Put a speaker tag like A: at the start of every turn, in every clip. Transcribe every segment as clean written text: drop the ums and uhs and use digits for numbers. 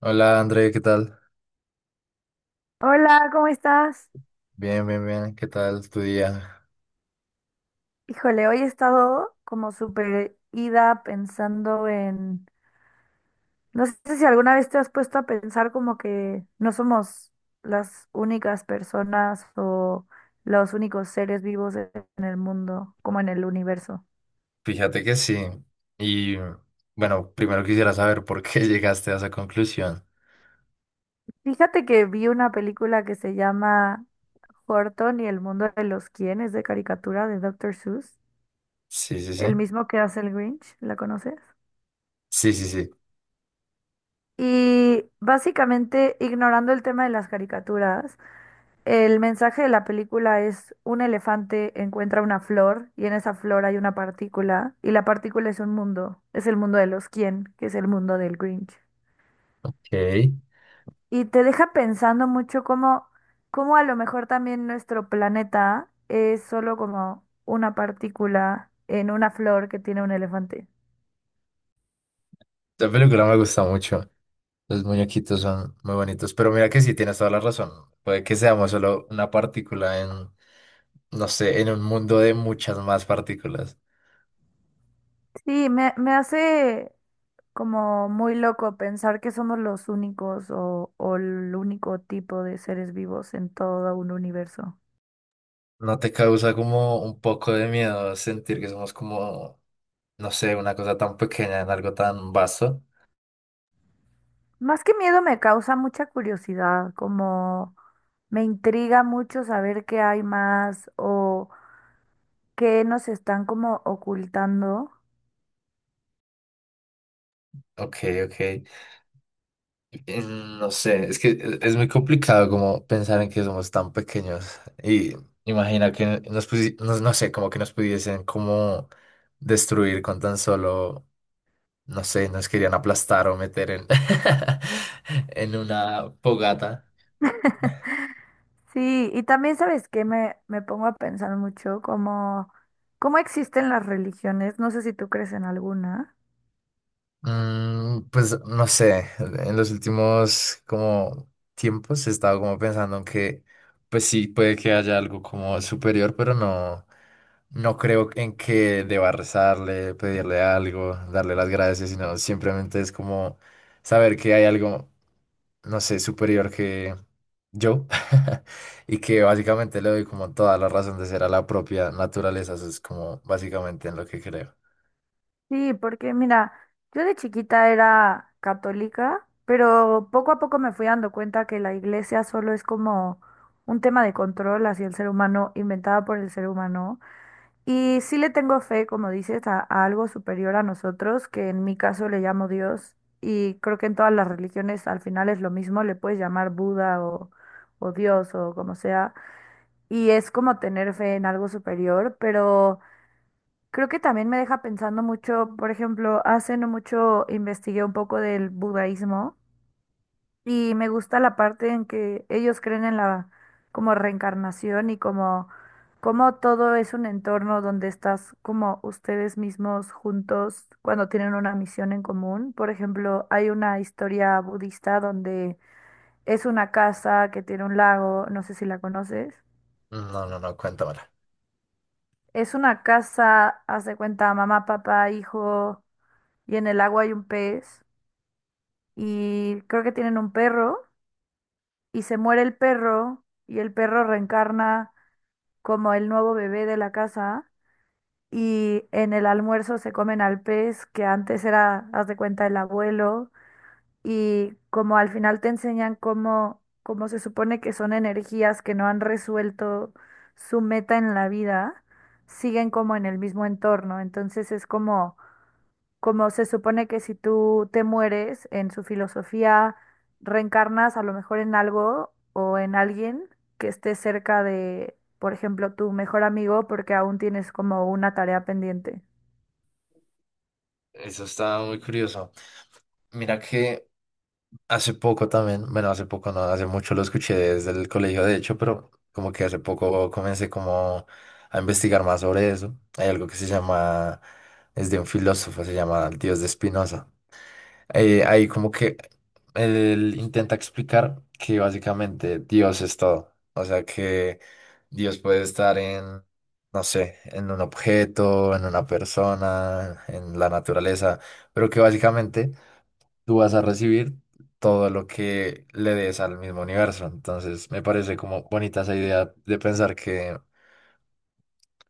A: Hola André, ¿qué tal?
B: Hola, ¿cómo estás?
A: Bien, bien, bien, ¿qué tal tu día?
B: Híjole, hoy he estado como súper ida pensando en... No sé si alguna vez te has puesto a pensar como que no somos las únicas personas o los únicos seres vivos en el mundo, como en el universo.
A: Fíjate que sí. Y bueno, primero quisiera saber por qué llegaste a esa conclusión.
B: Fíjate que vi una película que se llama Horton y el mundo de los quién, es de caricatura de Doctor Seuss,
A: Sí, sí, sí.
B: el mismo que hace el Grinch, ¿la conoces?
A: Sí, sí, sí.
B: Y básicamente, ignorando el tema de las caricaturas, el mensaje de la película es un elefante encuentra una flor y en esa flor hay una partícula y la partícula es un mundo, es el mundo de los quién, que es el mundo del Grinch.
A: Ok. Esta
B: Y te deja pensando mucho cómo, cómo a lo mejor también nuestro planeta es solo como una partícula en una flor que tiene un elefante.
A: película me gusta mucho. Los muñequitos son muy bonitos. Pero mira que sí, tienes toda la razón. Puede que seamos solo una partícula en, no sé, en un mundo de muchas más partículas.
B: Sí, me hace como muy loco pensar que somos los únicos o el único tipo de seres vivos en todo un universo.
A: ¿No te causa como un poco de miedo sentir que somos como, no sé, una cosa tan pequeña en algo tan vasto?
B: Más que miedo me causa mucha curiosidad, como me intriga mucho saber qué hay más o qué nos están como ocultando.
A: Ok, ok. Eh, No sé, es que es muy complicado como pensar en que somos tan pequeños. Y imagina que no, no sé, como que nos pudiesen como destruir con tan solo, no sé, nos querían aplastar o meter en, en una fogata.
B: Sí, y también sabes que me pongo a pensar mucho como cómo existen las religiones, no sé si tú crees en alguna.
A: Mm, pues no sé, en los últimos como tiempos he estado como pensando en que pues sí puede que haya algo como superior, pero no, no creo en que deba rezarle, pedirle algo, darle las gracias, sino simplemente es como saber que hay algo, no sé, superior que yo y que básicamente le doy como toda la razón de ser a la propia naturaleza, eso es como básicamente en lo que creo.
B: Sí, porque mira, yo de chiquita era católica, pero poco a poco me fui dando cuenta que la iglesia solo es como un tema de control hacia el ser humano, inventada por el ser humano. Y sí le tengo fe, como dices, a algo superior a nosotros, que en mi caso le llamo Dios. Y creo que en todas las religiones al final es lo mismo, le puedes llamar Buda o Dios o como sea. Y es como tener fe en algo superior, pero... Creo que también me deja pensando mucho, por ejemplo, hace no mucho investigué un poco del budaísmo y me gusta la parte en que ellos creen en la como reencarnación y como, como todo es un entorno donde estás como ustedes mismos juntos cuando tienen una misión en común. Por ejemplo, hay una historia budista donde es una casa que tiene un lago, no sé si la conoces.
A: No, no, no, cuéntamela.
B: Es una casa, haz de cuenta, mamá, papá, hijo. Y en el agua hay un pez y creo que tienen un perro y se muere el perro y el perro reencarna como el nuevo bebé de la casa y en el almuerzo se comen al pez que antes era, haz de cuenta, el abuelo y como al final te enseñan cómo, cómo se supone que son energías que no han resuelto su meta en la vida, siguen como en el mismo entorno, entonces es como, como se supone que si tú te mueres, en su filosofía reencarnas a lo mejor en algo o en alguien que esté cerca de, por ejemplo, tu mejor amigo porque aún tienes como una tarea pendiente.
A: Eso está muy curioso. Mira que hace poco también, bueno, hace poco no, hace mucho lo escuché desde el colegio, de hecho, pero como que hace poco comencé como a investigar más sobre eso. Hay algo que se llama, es de un filósofo, se llama el Dios de Spinoza. Ahí como que él intenta explicar que básicamente Dios es todo. O sea que Dios puede estar en, no sé, en un objeto, en una persona, en la naturaleza, pero que básicamente tú vas a recibir todo lo que le des al mismo universo. Entonces, me parece como bonita esa idea de pensar que,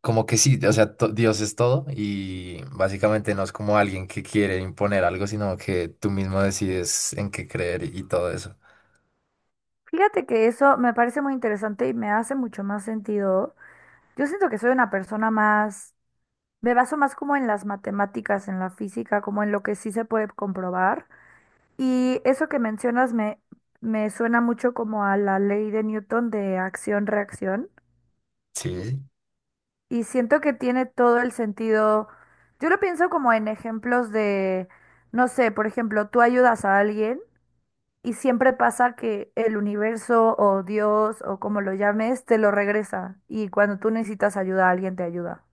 A: como que sí, o sea, Dios es todo y básicamente no es como alguien que quiere imponer algo, sino que tú mismo decides en qué creer y todo eso.
B: Fíjate que eso me parece muy interesante y me hace mucho más sentido. Yo siento que soy una persona más, me baso más como en las matemáticas, en la física, como en lo que sí se puede comprobar. Y eso que mencionas me suena mucho como a la ley de Newton de acción-reacción
A: Sí,
B: y siento que tiene todo el sentido. Yo lo pienso como en ejemplos de, no sé, por ejemplo, tú ayudas a alguien y siempre pasa que el universo o Dios o como lo llames te lo regresa y cuando tú necesitas ayuda alguien te ayuda.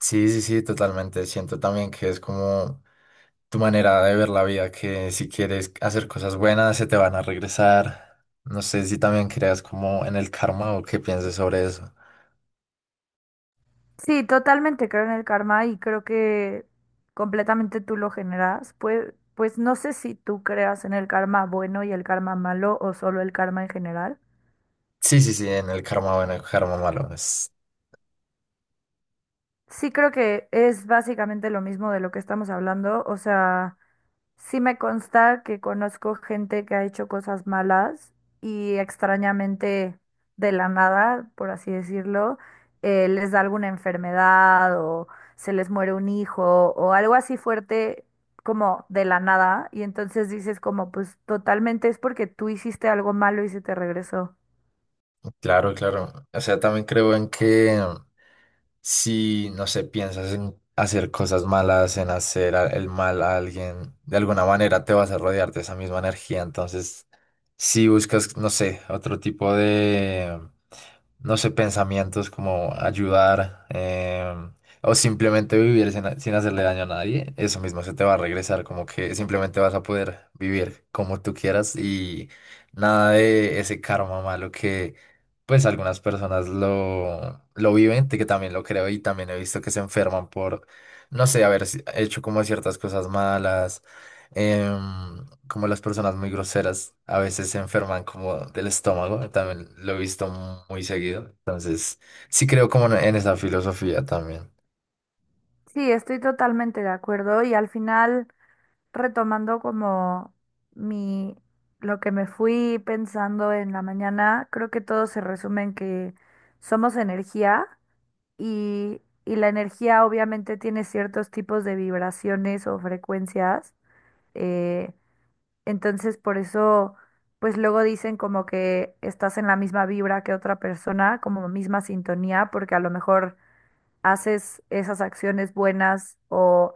A: sí, sí, sí, totalmente. Siento también que es como tu manera de ver la vida, que si quieres hacer cosas buenas, se te van a regresar. No sé si también creas como en el karma o qué pienses sobre eso.
B: Sí, totalmente creo en el karma y creo que completamente tú lo generas. Pues no sé si tú creas en el karma bueno y el karma malo o solo el karma en general.
A: Sí, sí, sí, en el karma bueno, el karma malo. Es,
B: Sí creo que es básicamente lo mismo de lo que estamos hablando, o sea... Sí me consta que conozco gente que ha hecho cosas malas y extrañamente de la nada, por así decirlo, les da alguna enfermedad o se les muere un hijo o algo así fuerte como de la nada y entonces dices como pues totalmente es porque tú hiciste algo malo y se te regresó.
A: claro, claro. O sea, también creo en que si, no sé, piensas en hacer cosas malas, en hacer el mal a alguien, de alguna manera te vas a rodear de esa misma energía. Entonces, si buscas, no sé, otro tipo, no sé, pensamientos como ayudar, o simplemente vivir sin, sin hacerle daño a nadie, eso mismo se te va a regresar, como que simplemente vas a poder vivir como tú quieras y nada de ese karma malo que pues algunas personas lo viven, que también lo creo y también he visto que se enferman por, no sé, haber hecho como ciertas cosas malas, como las personas muy groseras a veces se enferman como del estómago, también lo he visto muy seguido. Entonces, sí creo como en esa filosofía también.
B: Sí, estoy totalmente de acuerdo y al final... retomando como mi, lo que me fui pensando en la mañana, creo que todo se resume en que somos energía y la energía obviamente tiene ciertos tipos de vibraciones o frecuencias. eh, entonces por eso, pues luego dicen como que estás en la misma vibra que otra persona, como misma sintonía, porque a lo mejor haces esas acciones buenas o,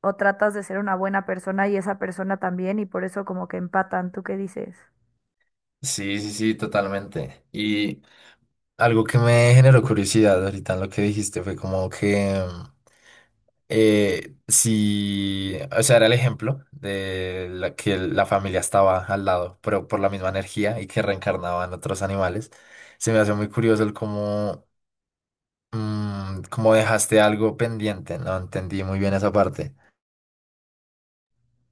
B: o tratas de ser una buena persona y esa persona también y por eso como que empatan. ¿Tú qué dices?
A: Sí, sí, sí, totalmente. Y algo que me generó curiosidad ahorita en lo que dijiste fue como que si, o sea, era el ejemplo de la que la familia estaba al lado, pero por la misma energía y que reencarnaban otros animales. Se me hace muy curioso el cómo. Mm, como dejaste algo pendiente, no entendí muy bien esa parte.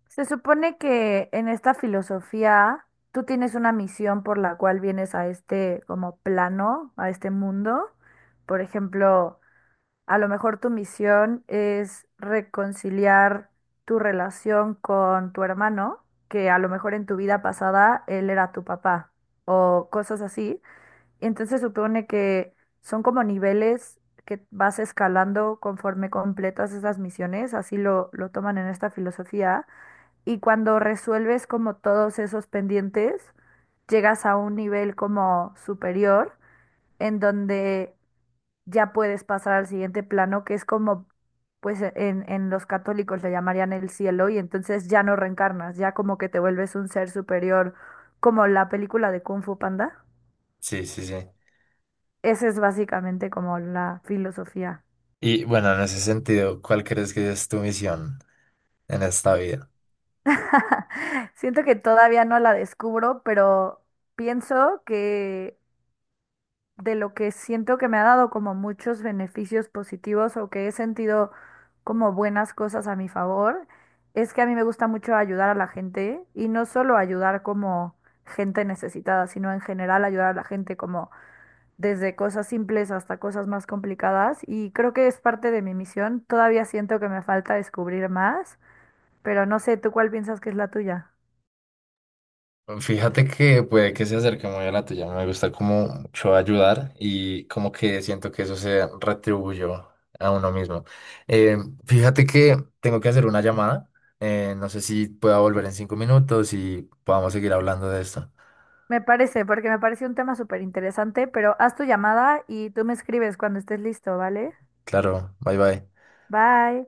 B: Se supone que en esta filosofía tú tienes una misión por la cual vienes a este como plano, a este mundo. Por ejemplo, a lo mejor tu misión es reconciliar tu relación con tu hermano, que a lo mejor en tu vida pasada él era tu papá o cosas así. Entonces supone que son como niveles que vas escalando conforme completas esas misiones, así lo toman en esta filosofía. Y cuando resuelves como todos esos pendientes, llegas a un nivel como superior, en donde ya puedes pasar al siguiente plano, que es como, pues en los católicos le llamarían el cielo, y entonces ya no reencarnas, ya como que te vuelves un ser superior, como la película de Kung Fu Panda.
A: Sí, sí, sí.
B: Esa es básicamente como la filosofía.
A: Y bueno, en ese sentido, ¿cuál crees que es tu misión en esta vida?
B: Siento que todavía no la descubro, pero pienso que de lo que siento que me ha dado como muchos beneficios positivos o que he sentido como buenas cosas a mi favor, es que a mí me gusta mucho ayudar a la gente y no solo ayudar como gente necesitada, sino en general ayudar a la gente como desde cosas simples hasta cosas más complicadas y creo que es parte de mi misión. Todavía siento que me falta descubrir más. Pero no sé, ¿tú cuál piensas que es la tuya?
A: Fíjate que puede que se acerque muy a la tuya. Me gusta como mucho ayudar y como que siento que eso se retribuyó a uno mismo. Eh, Fíjate que tengo que hacer una llamada. No sé si pueda volver en 5 minutos y podamos seguir hablando de esto.
B: Me parece, porque me parece un tema súper interesante, pero haz tu llamada y tú me escribes cuando estés listo, ¿vale?
A: Claro, bye bye.
B: Bye.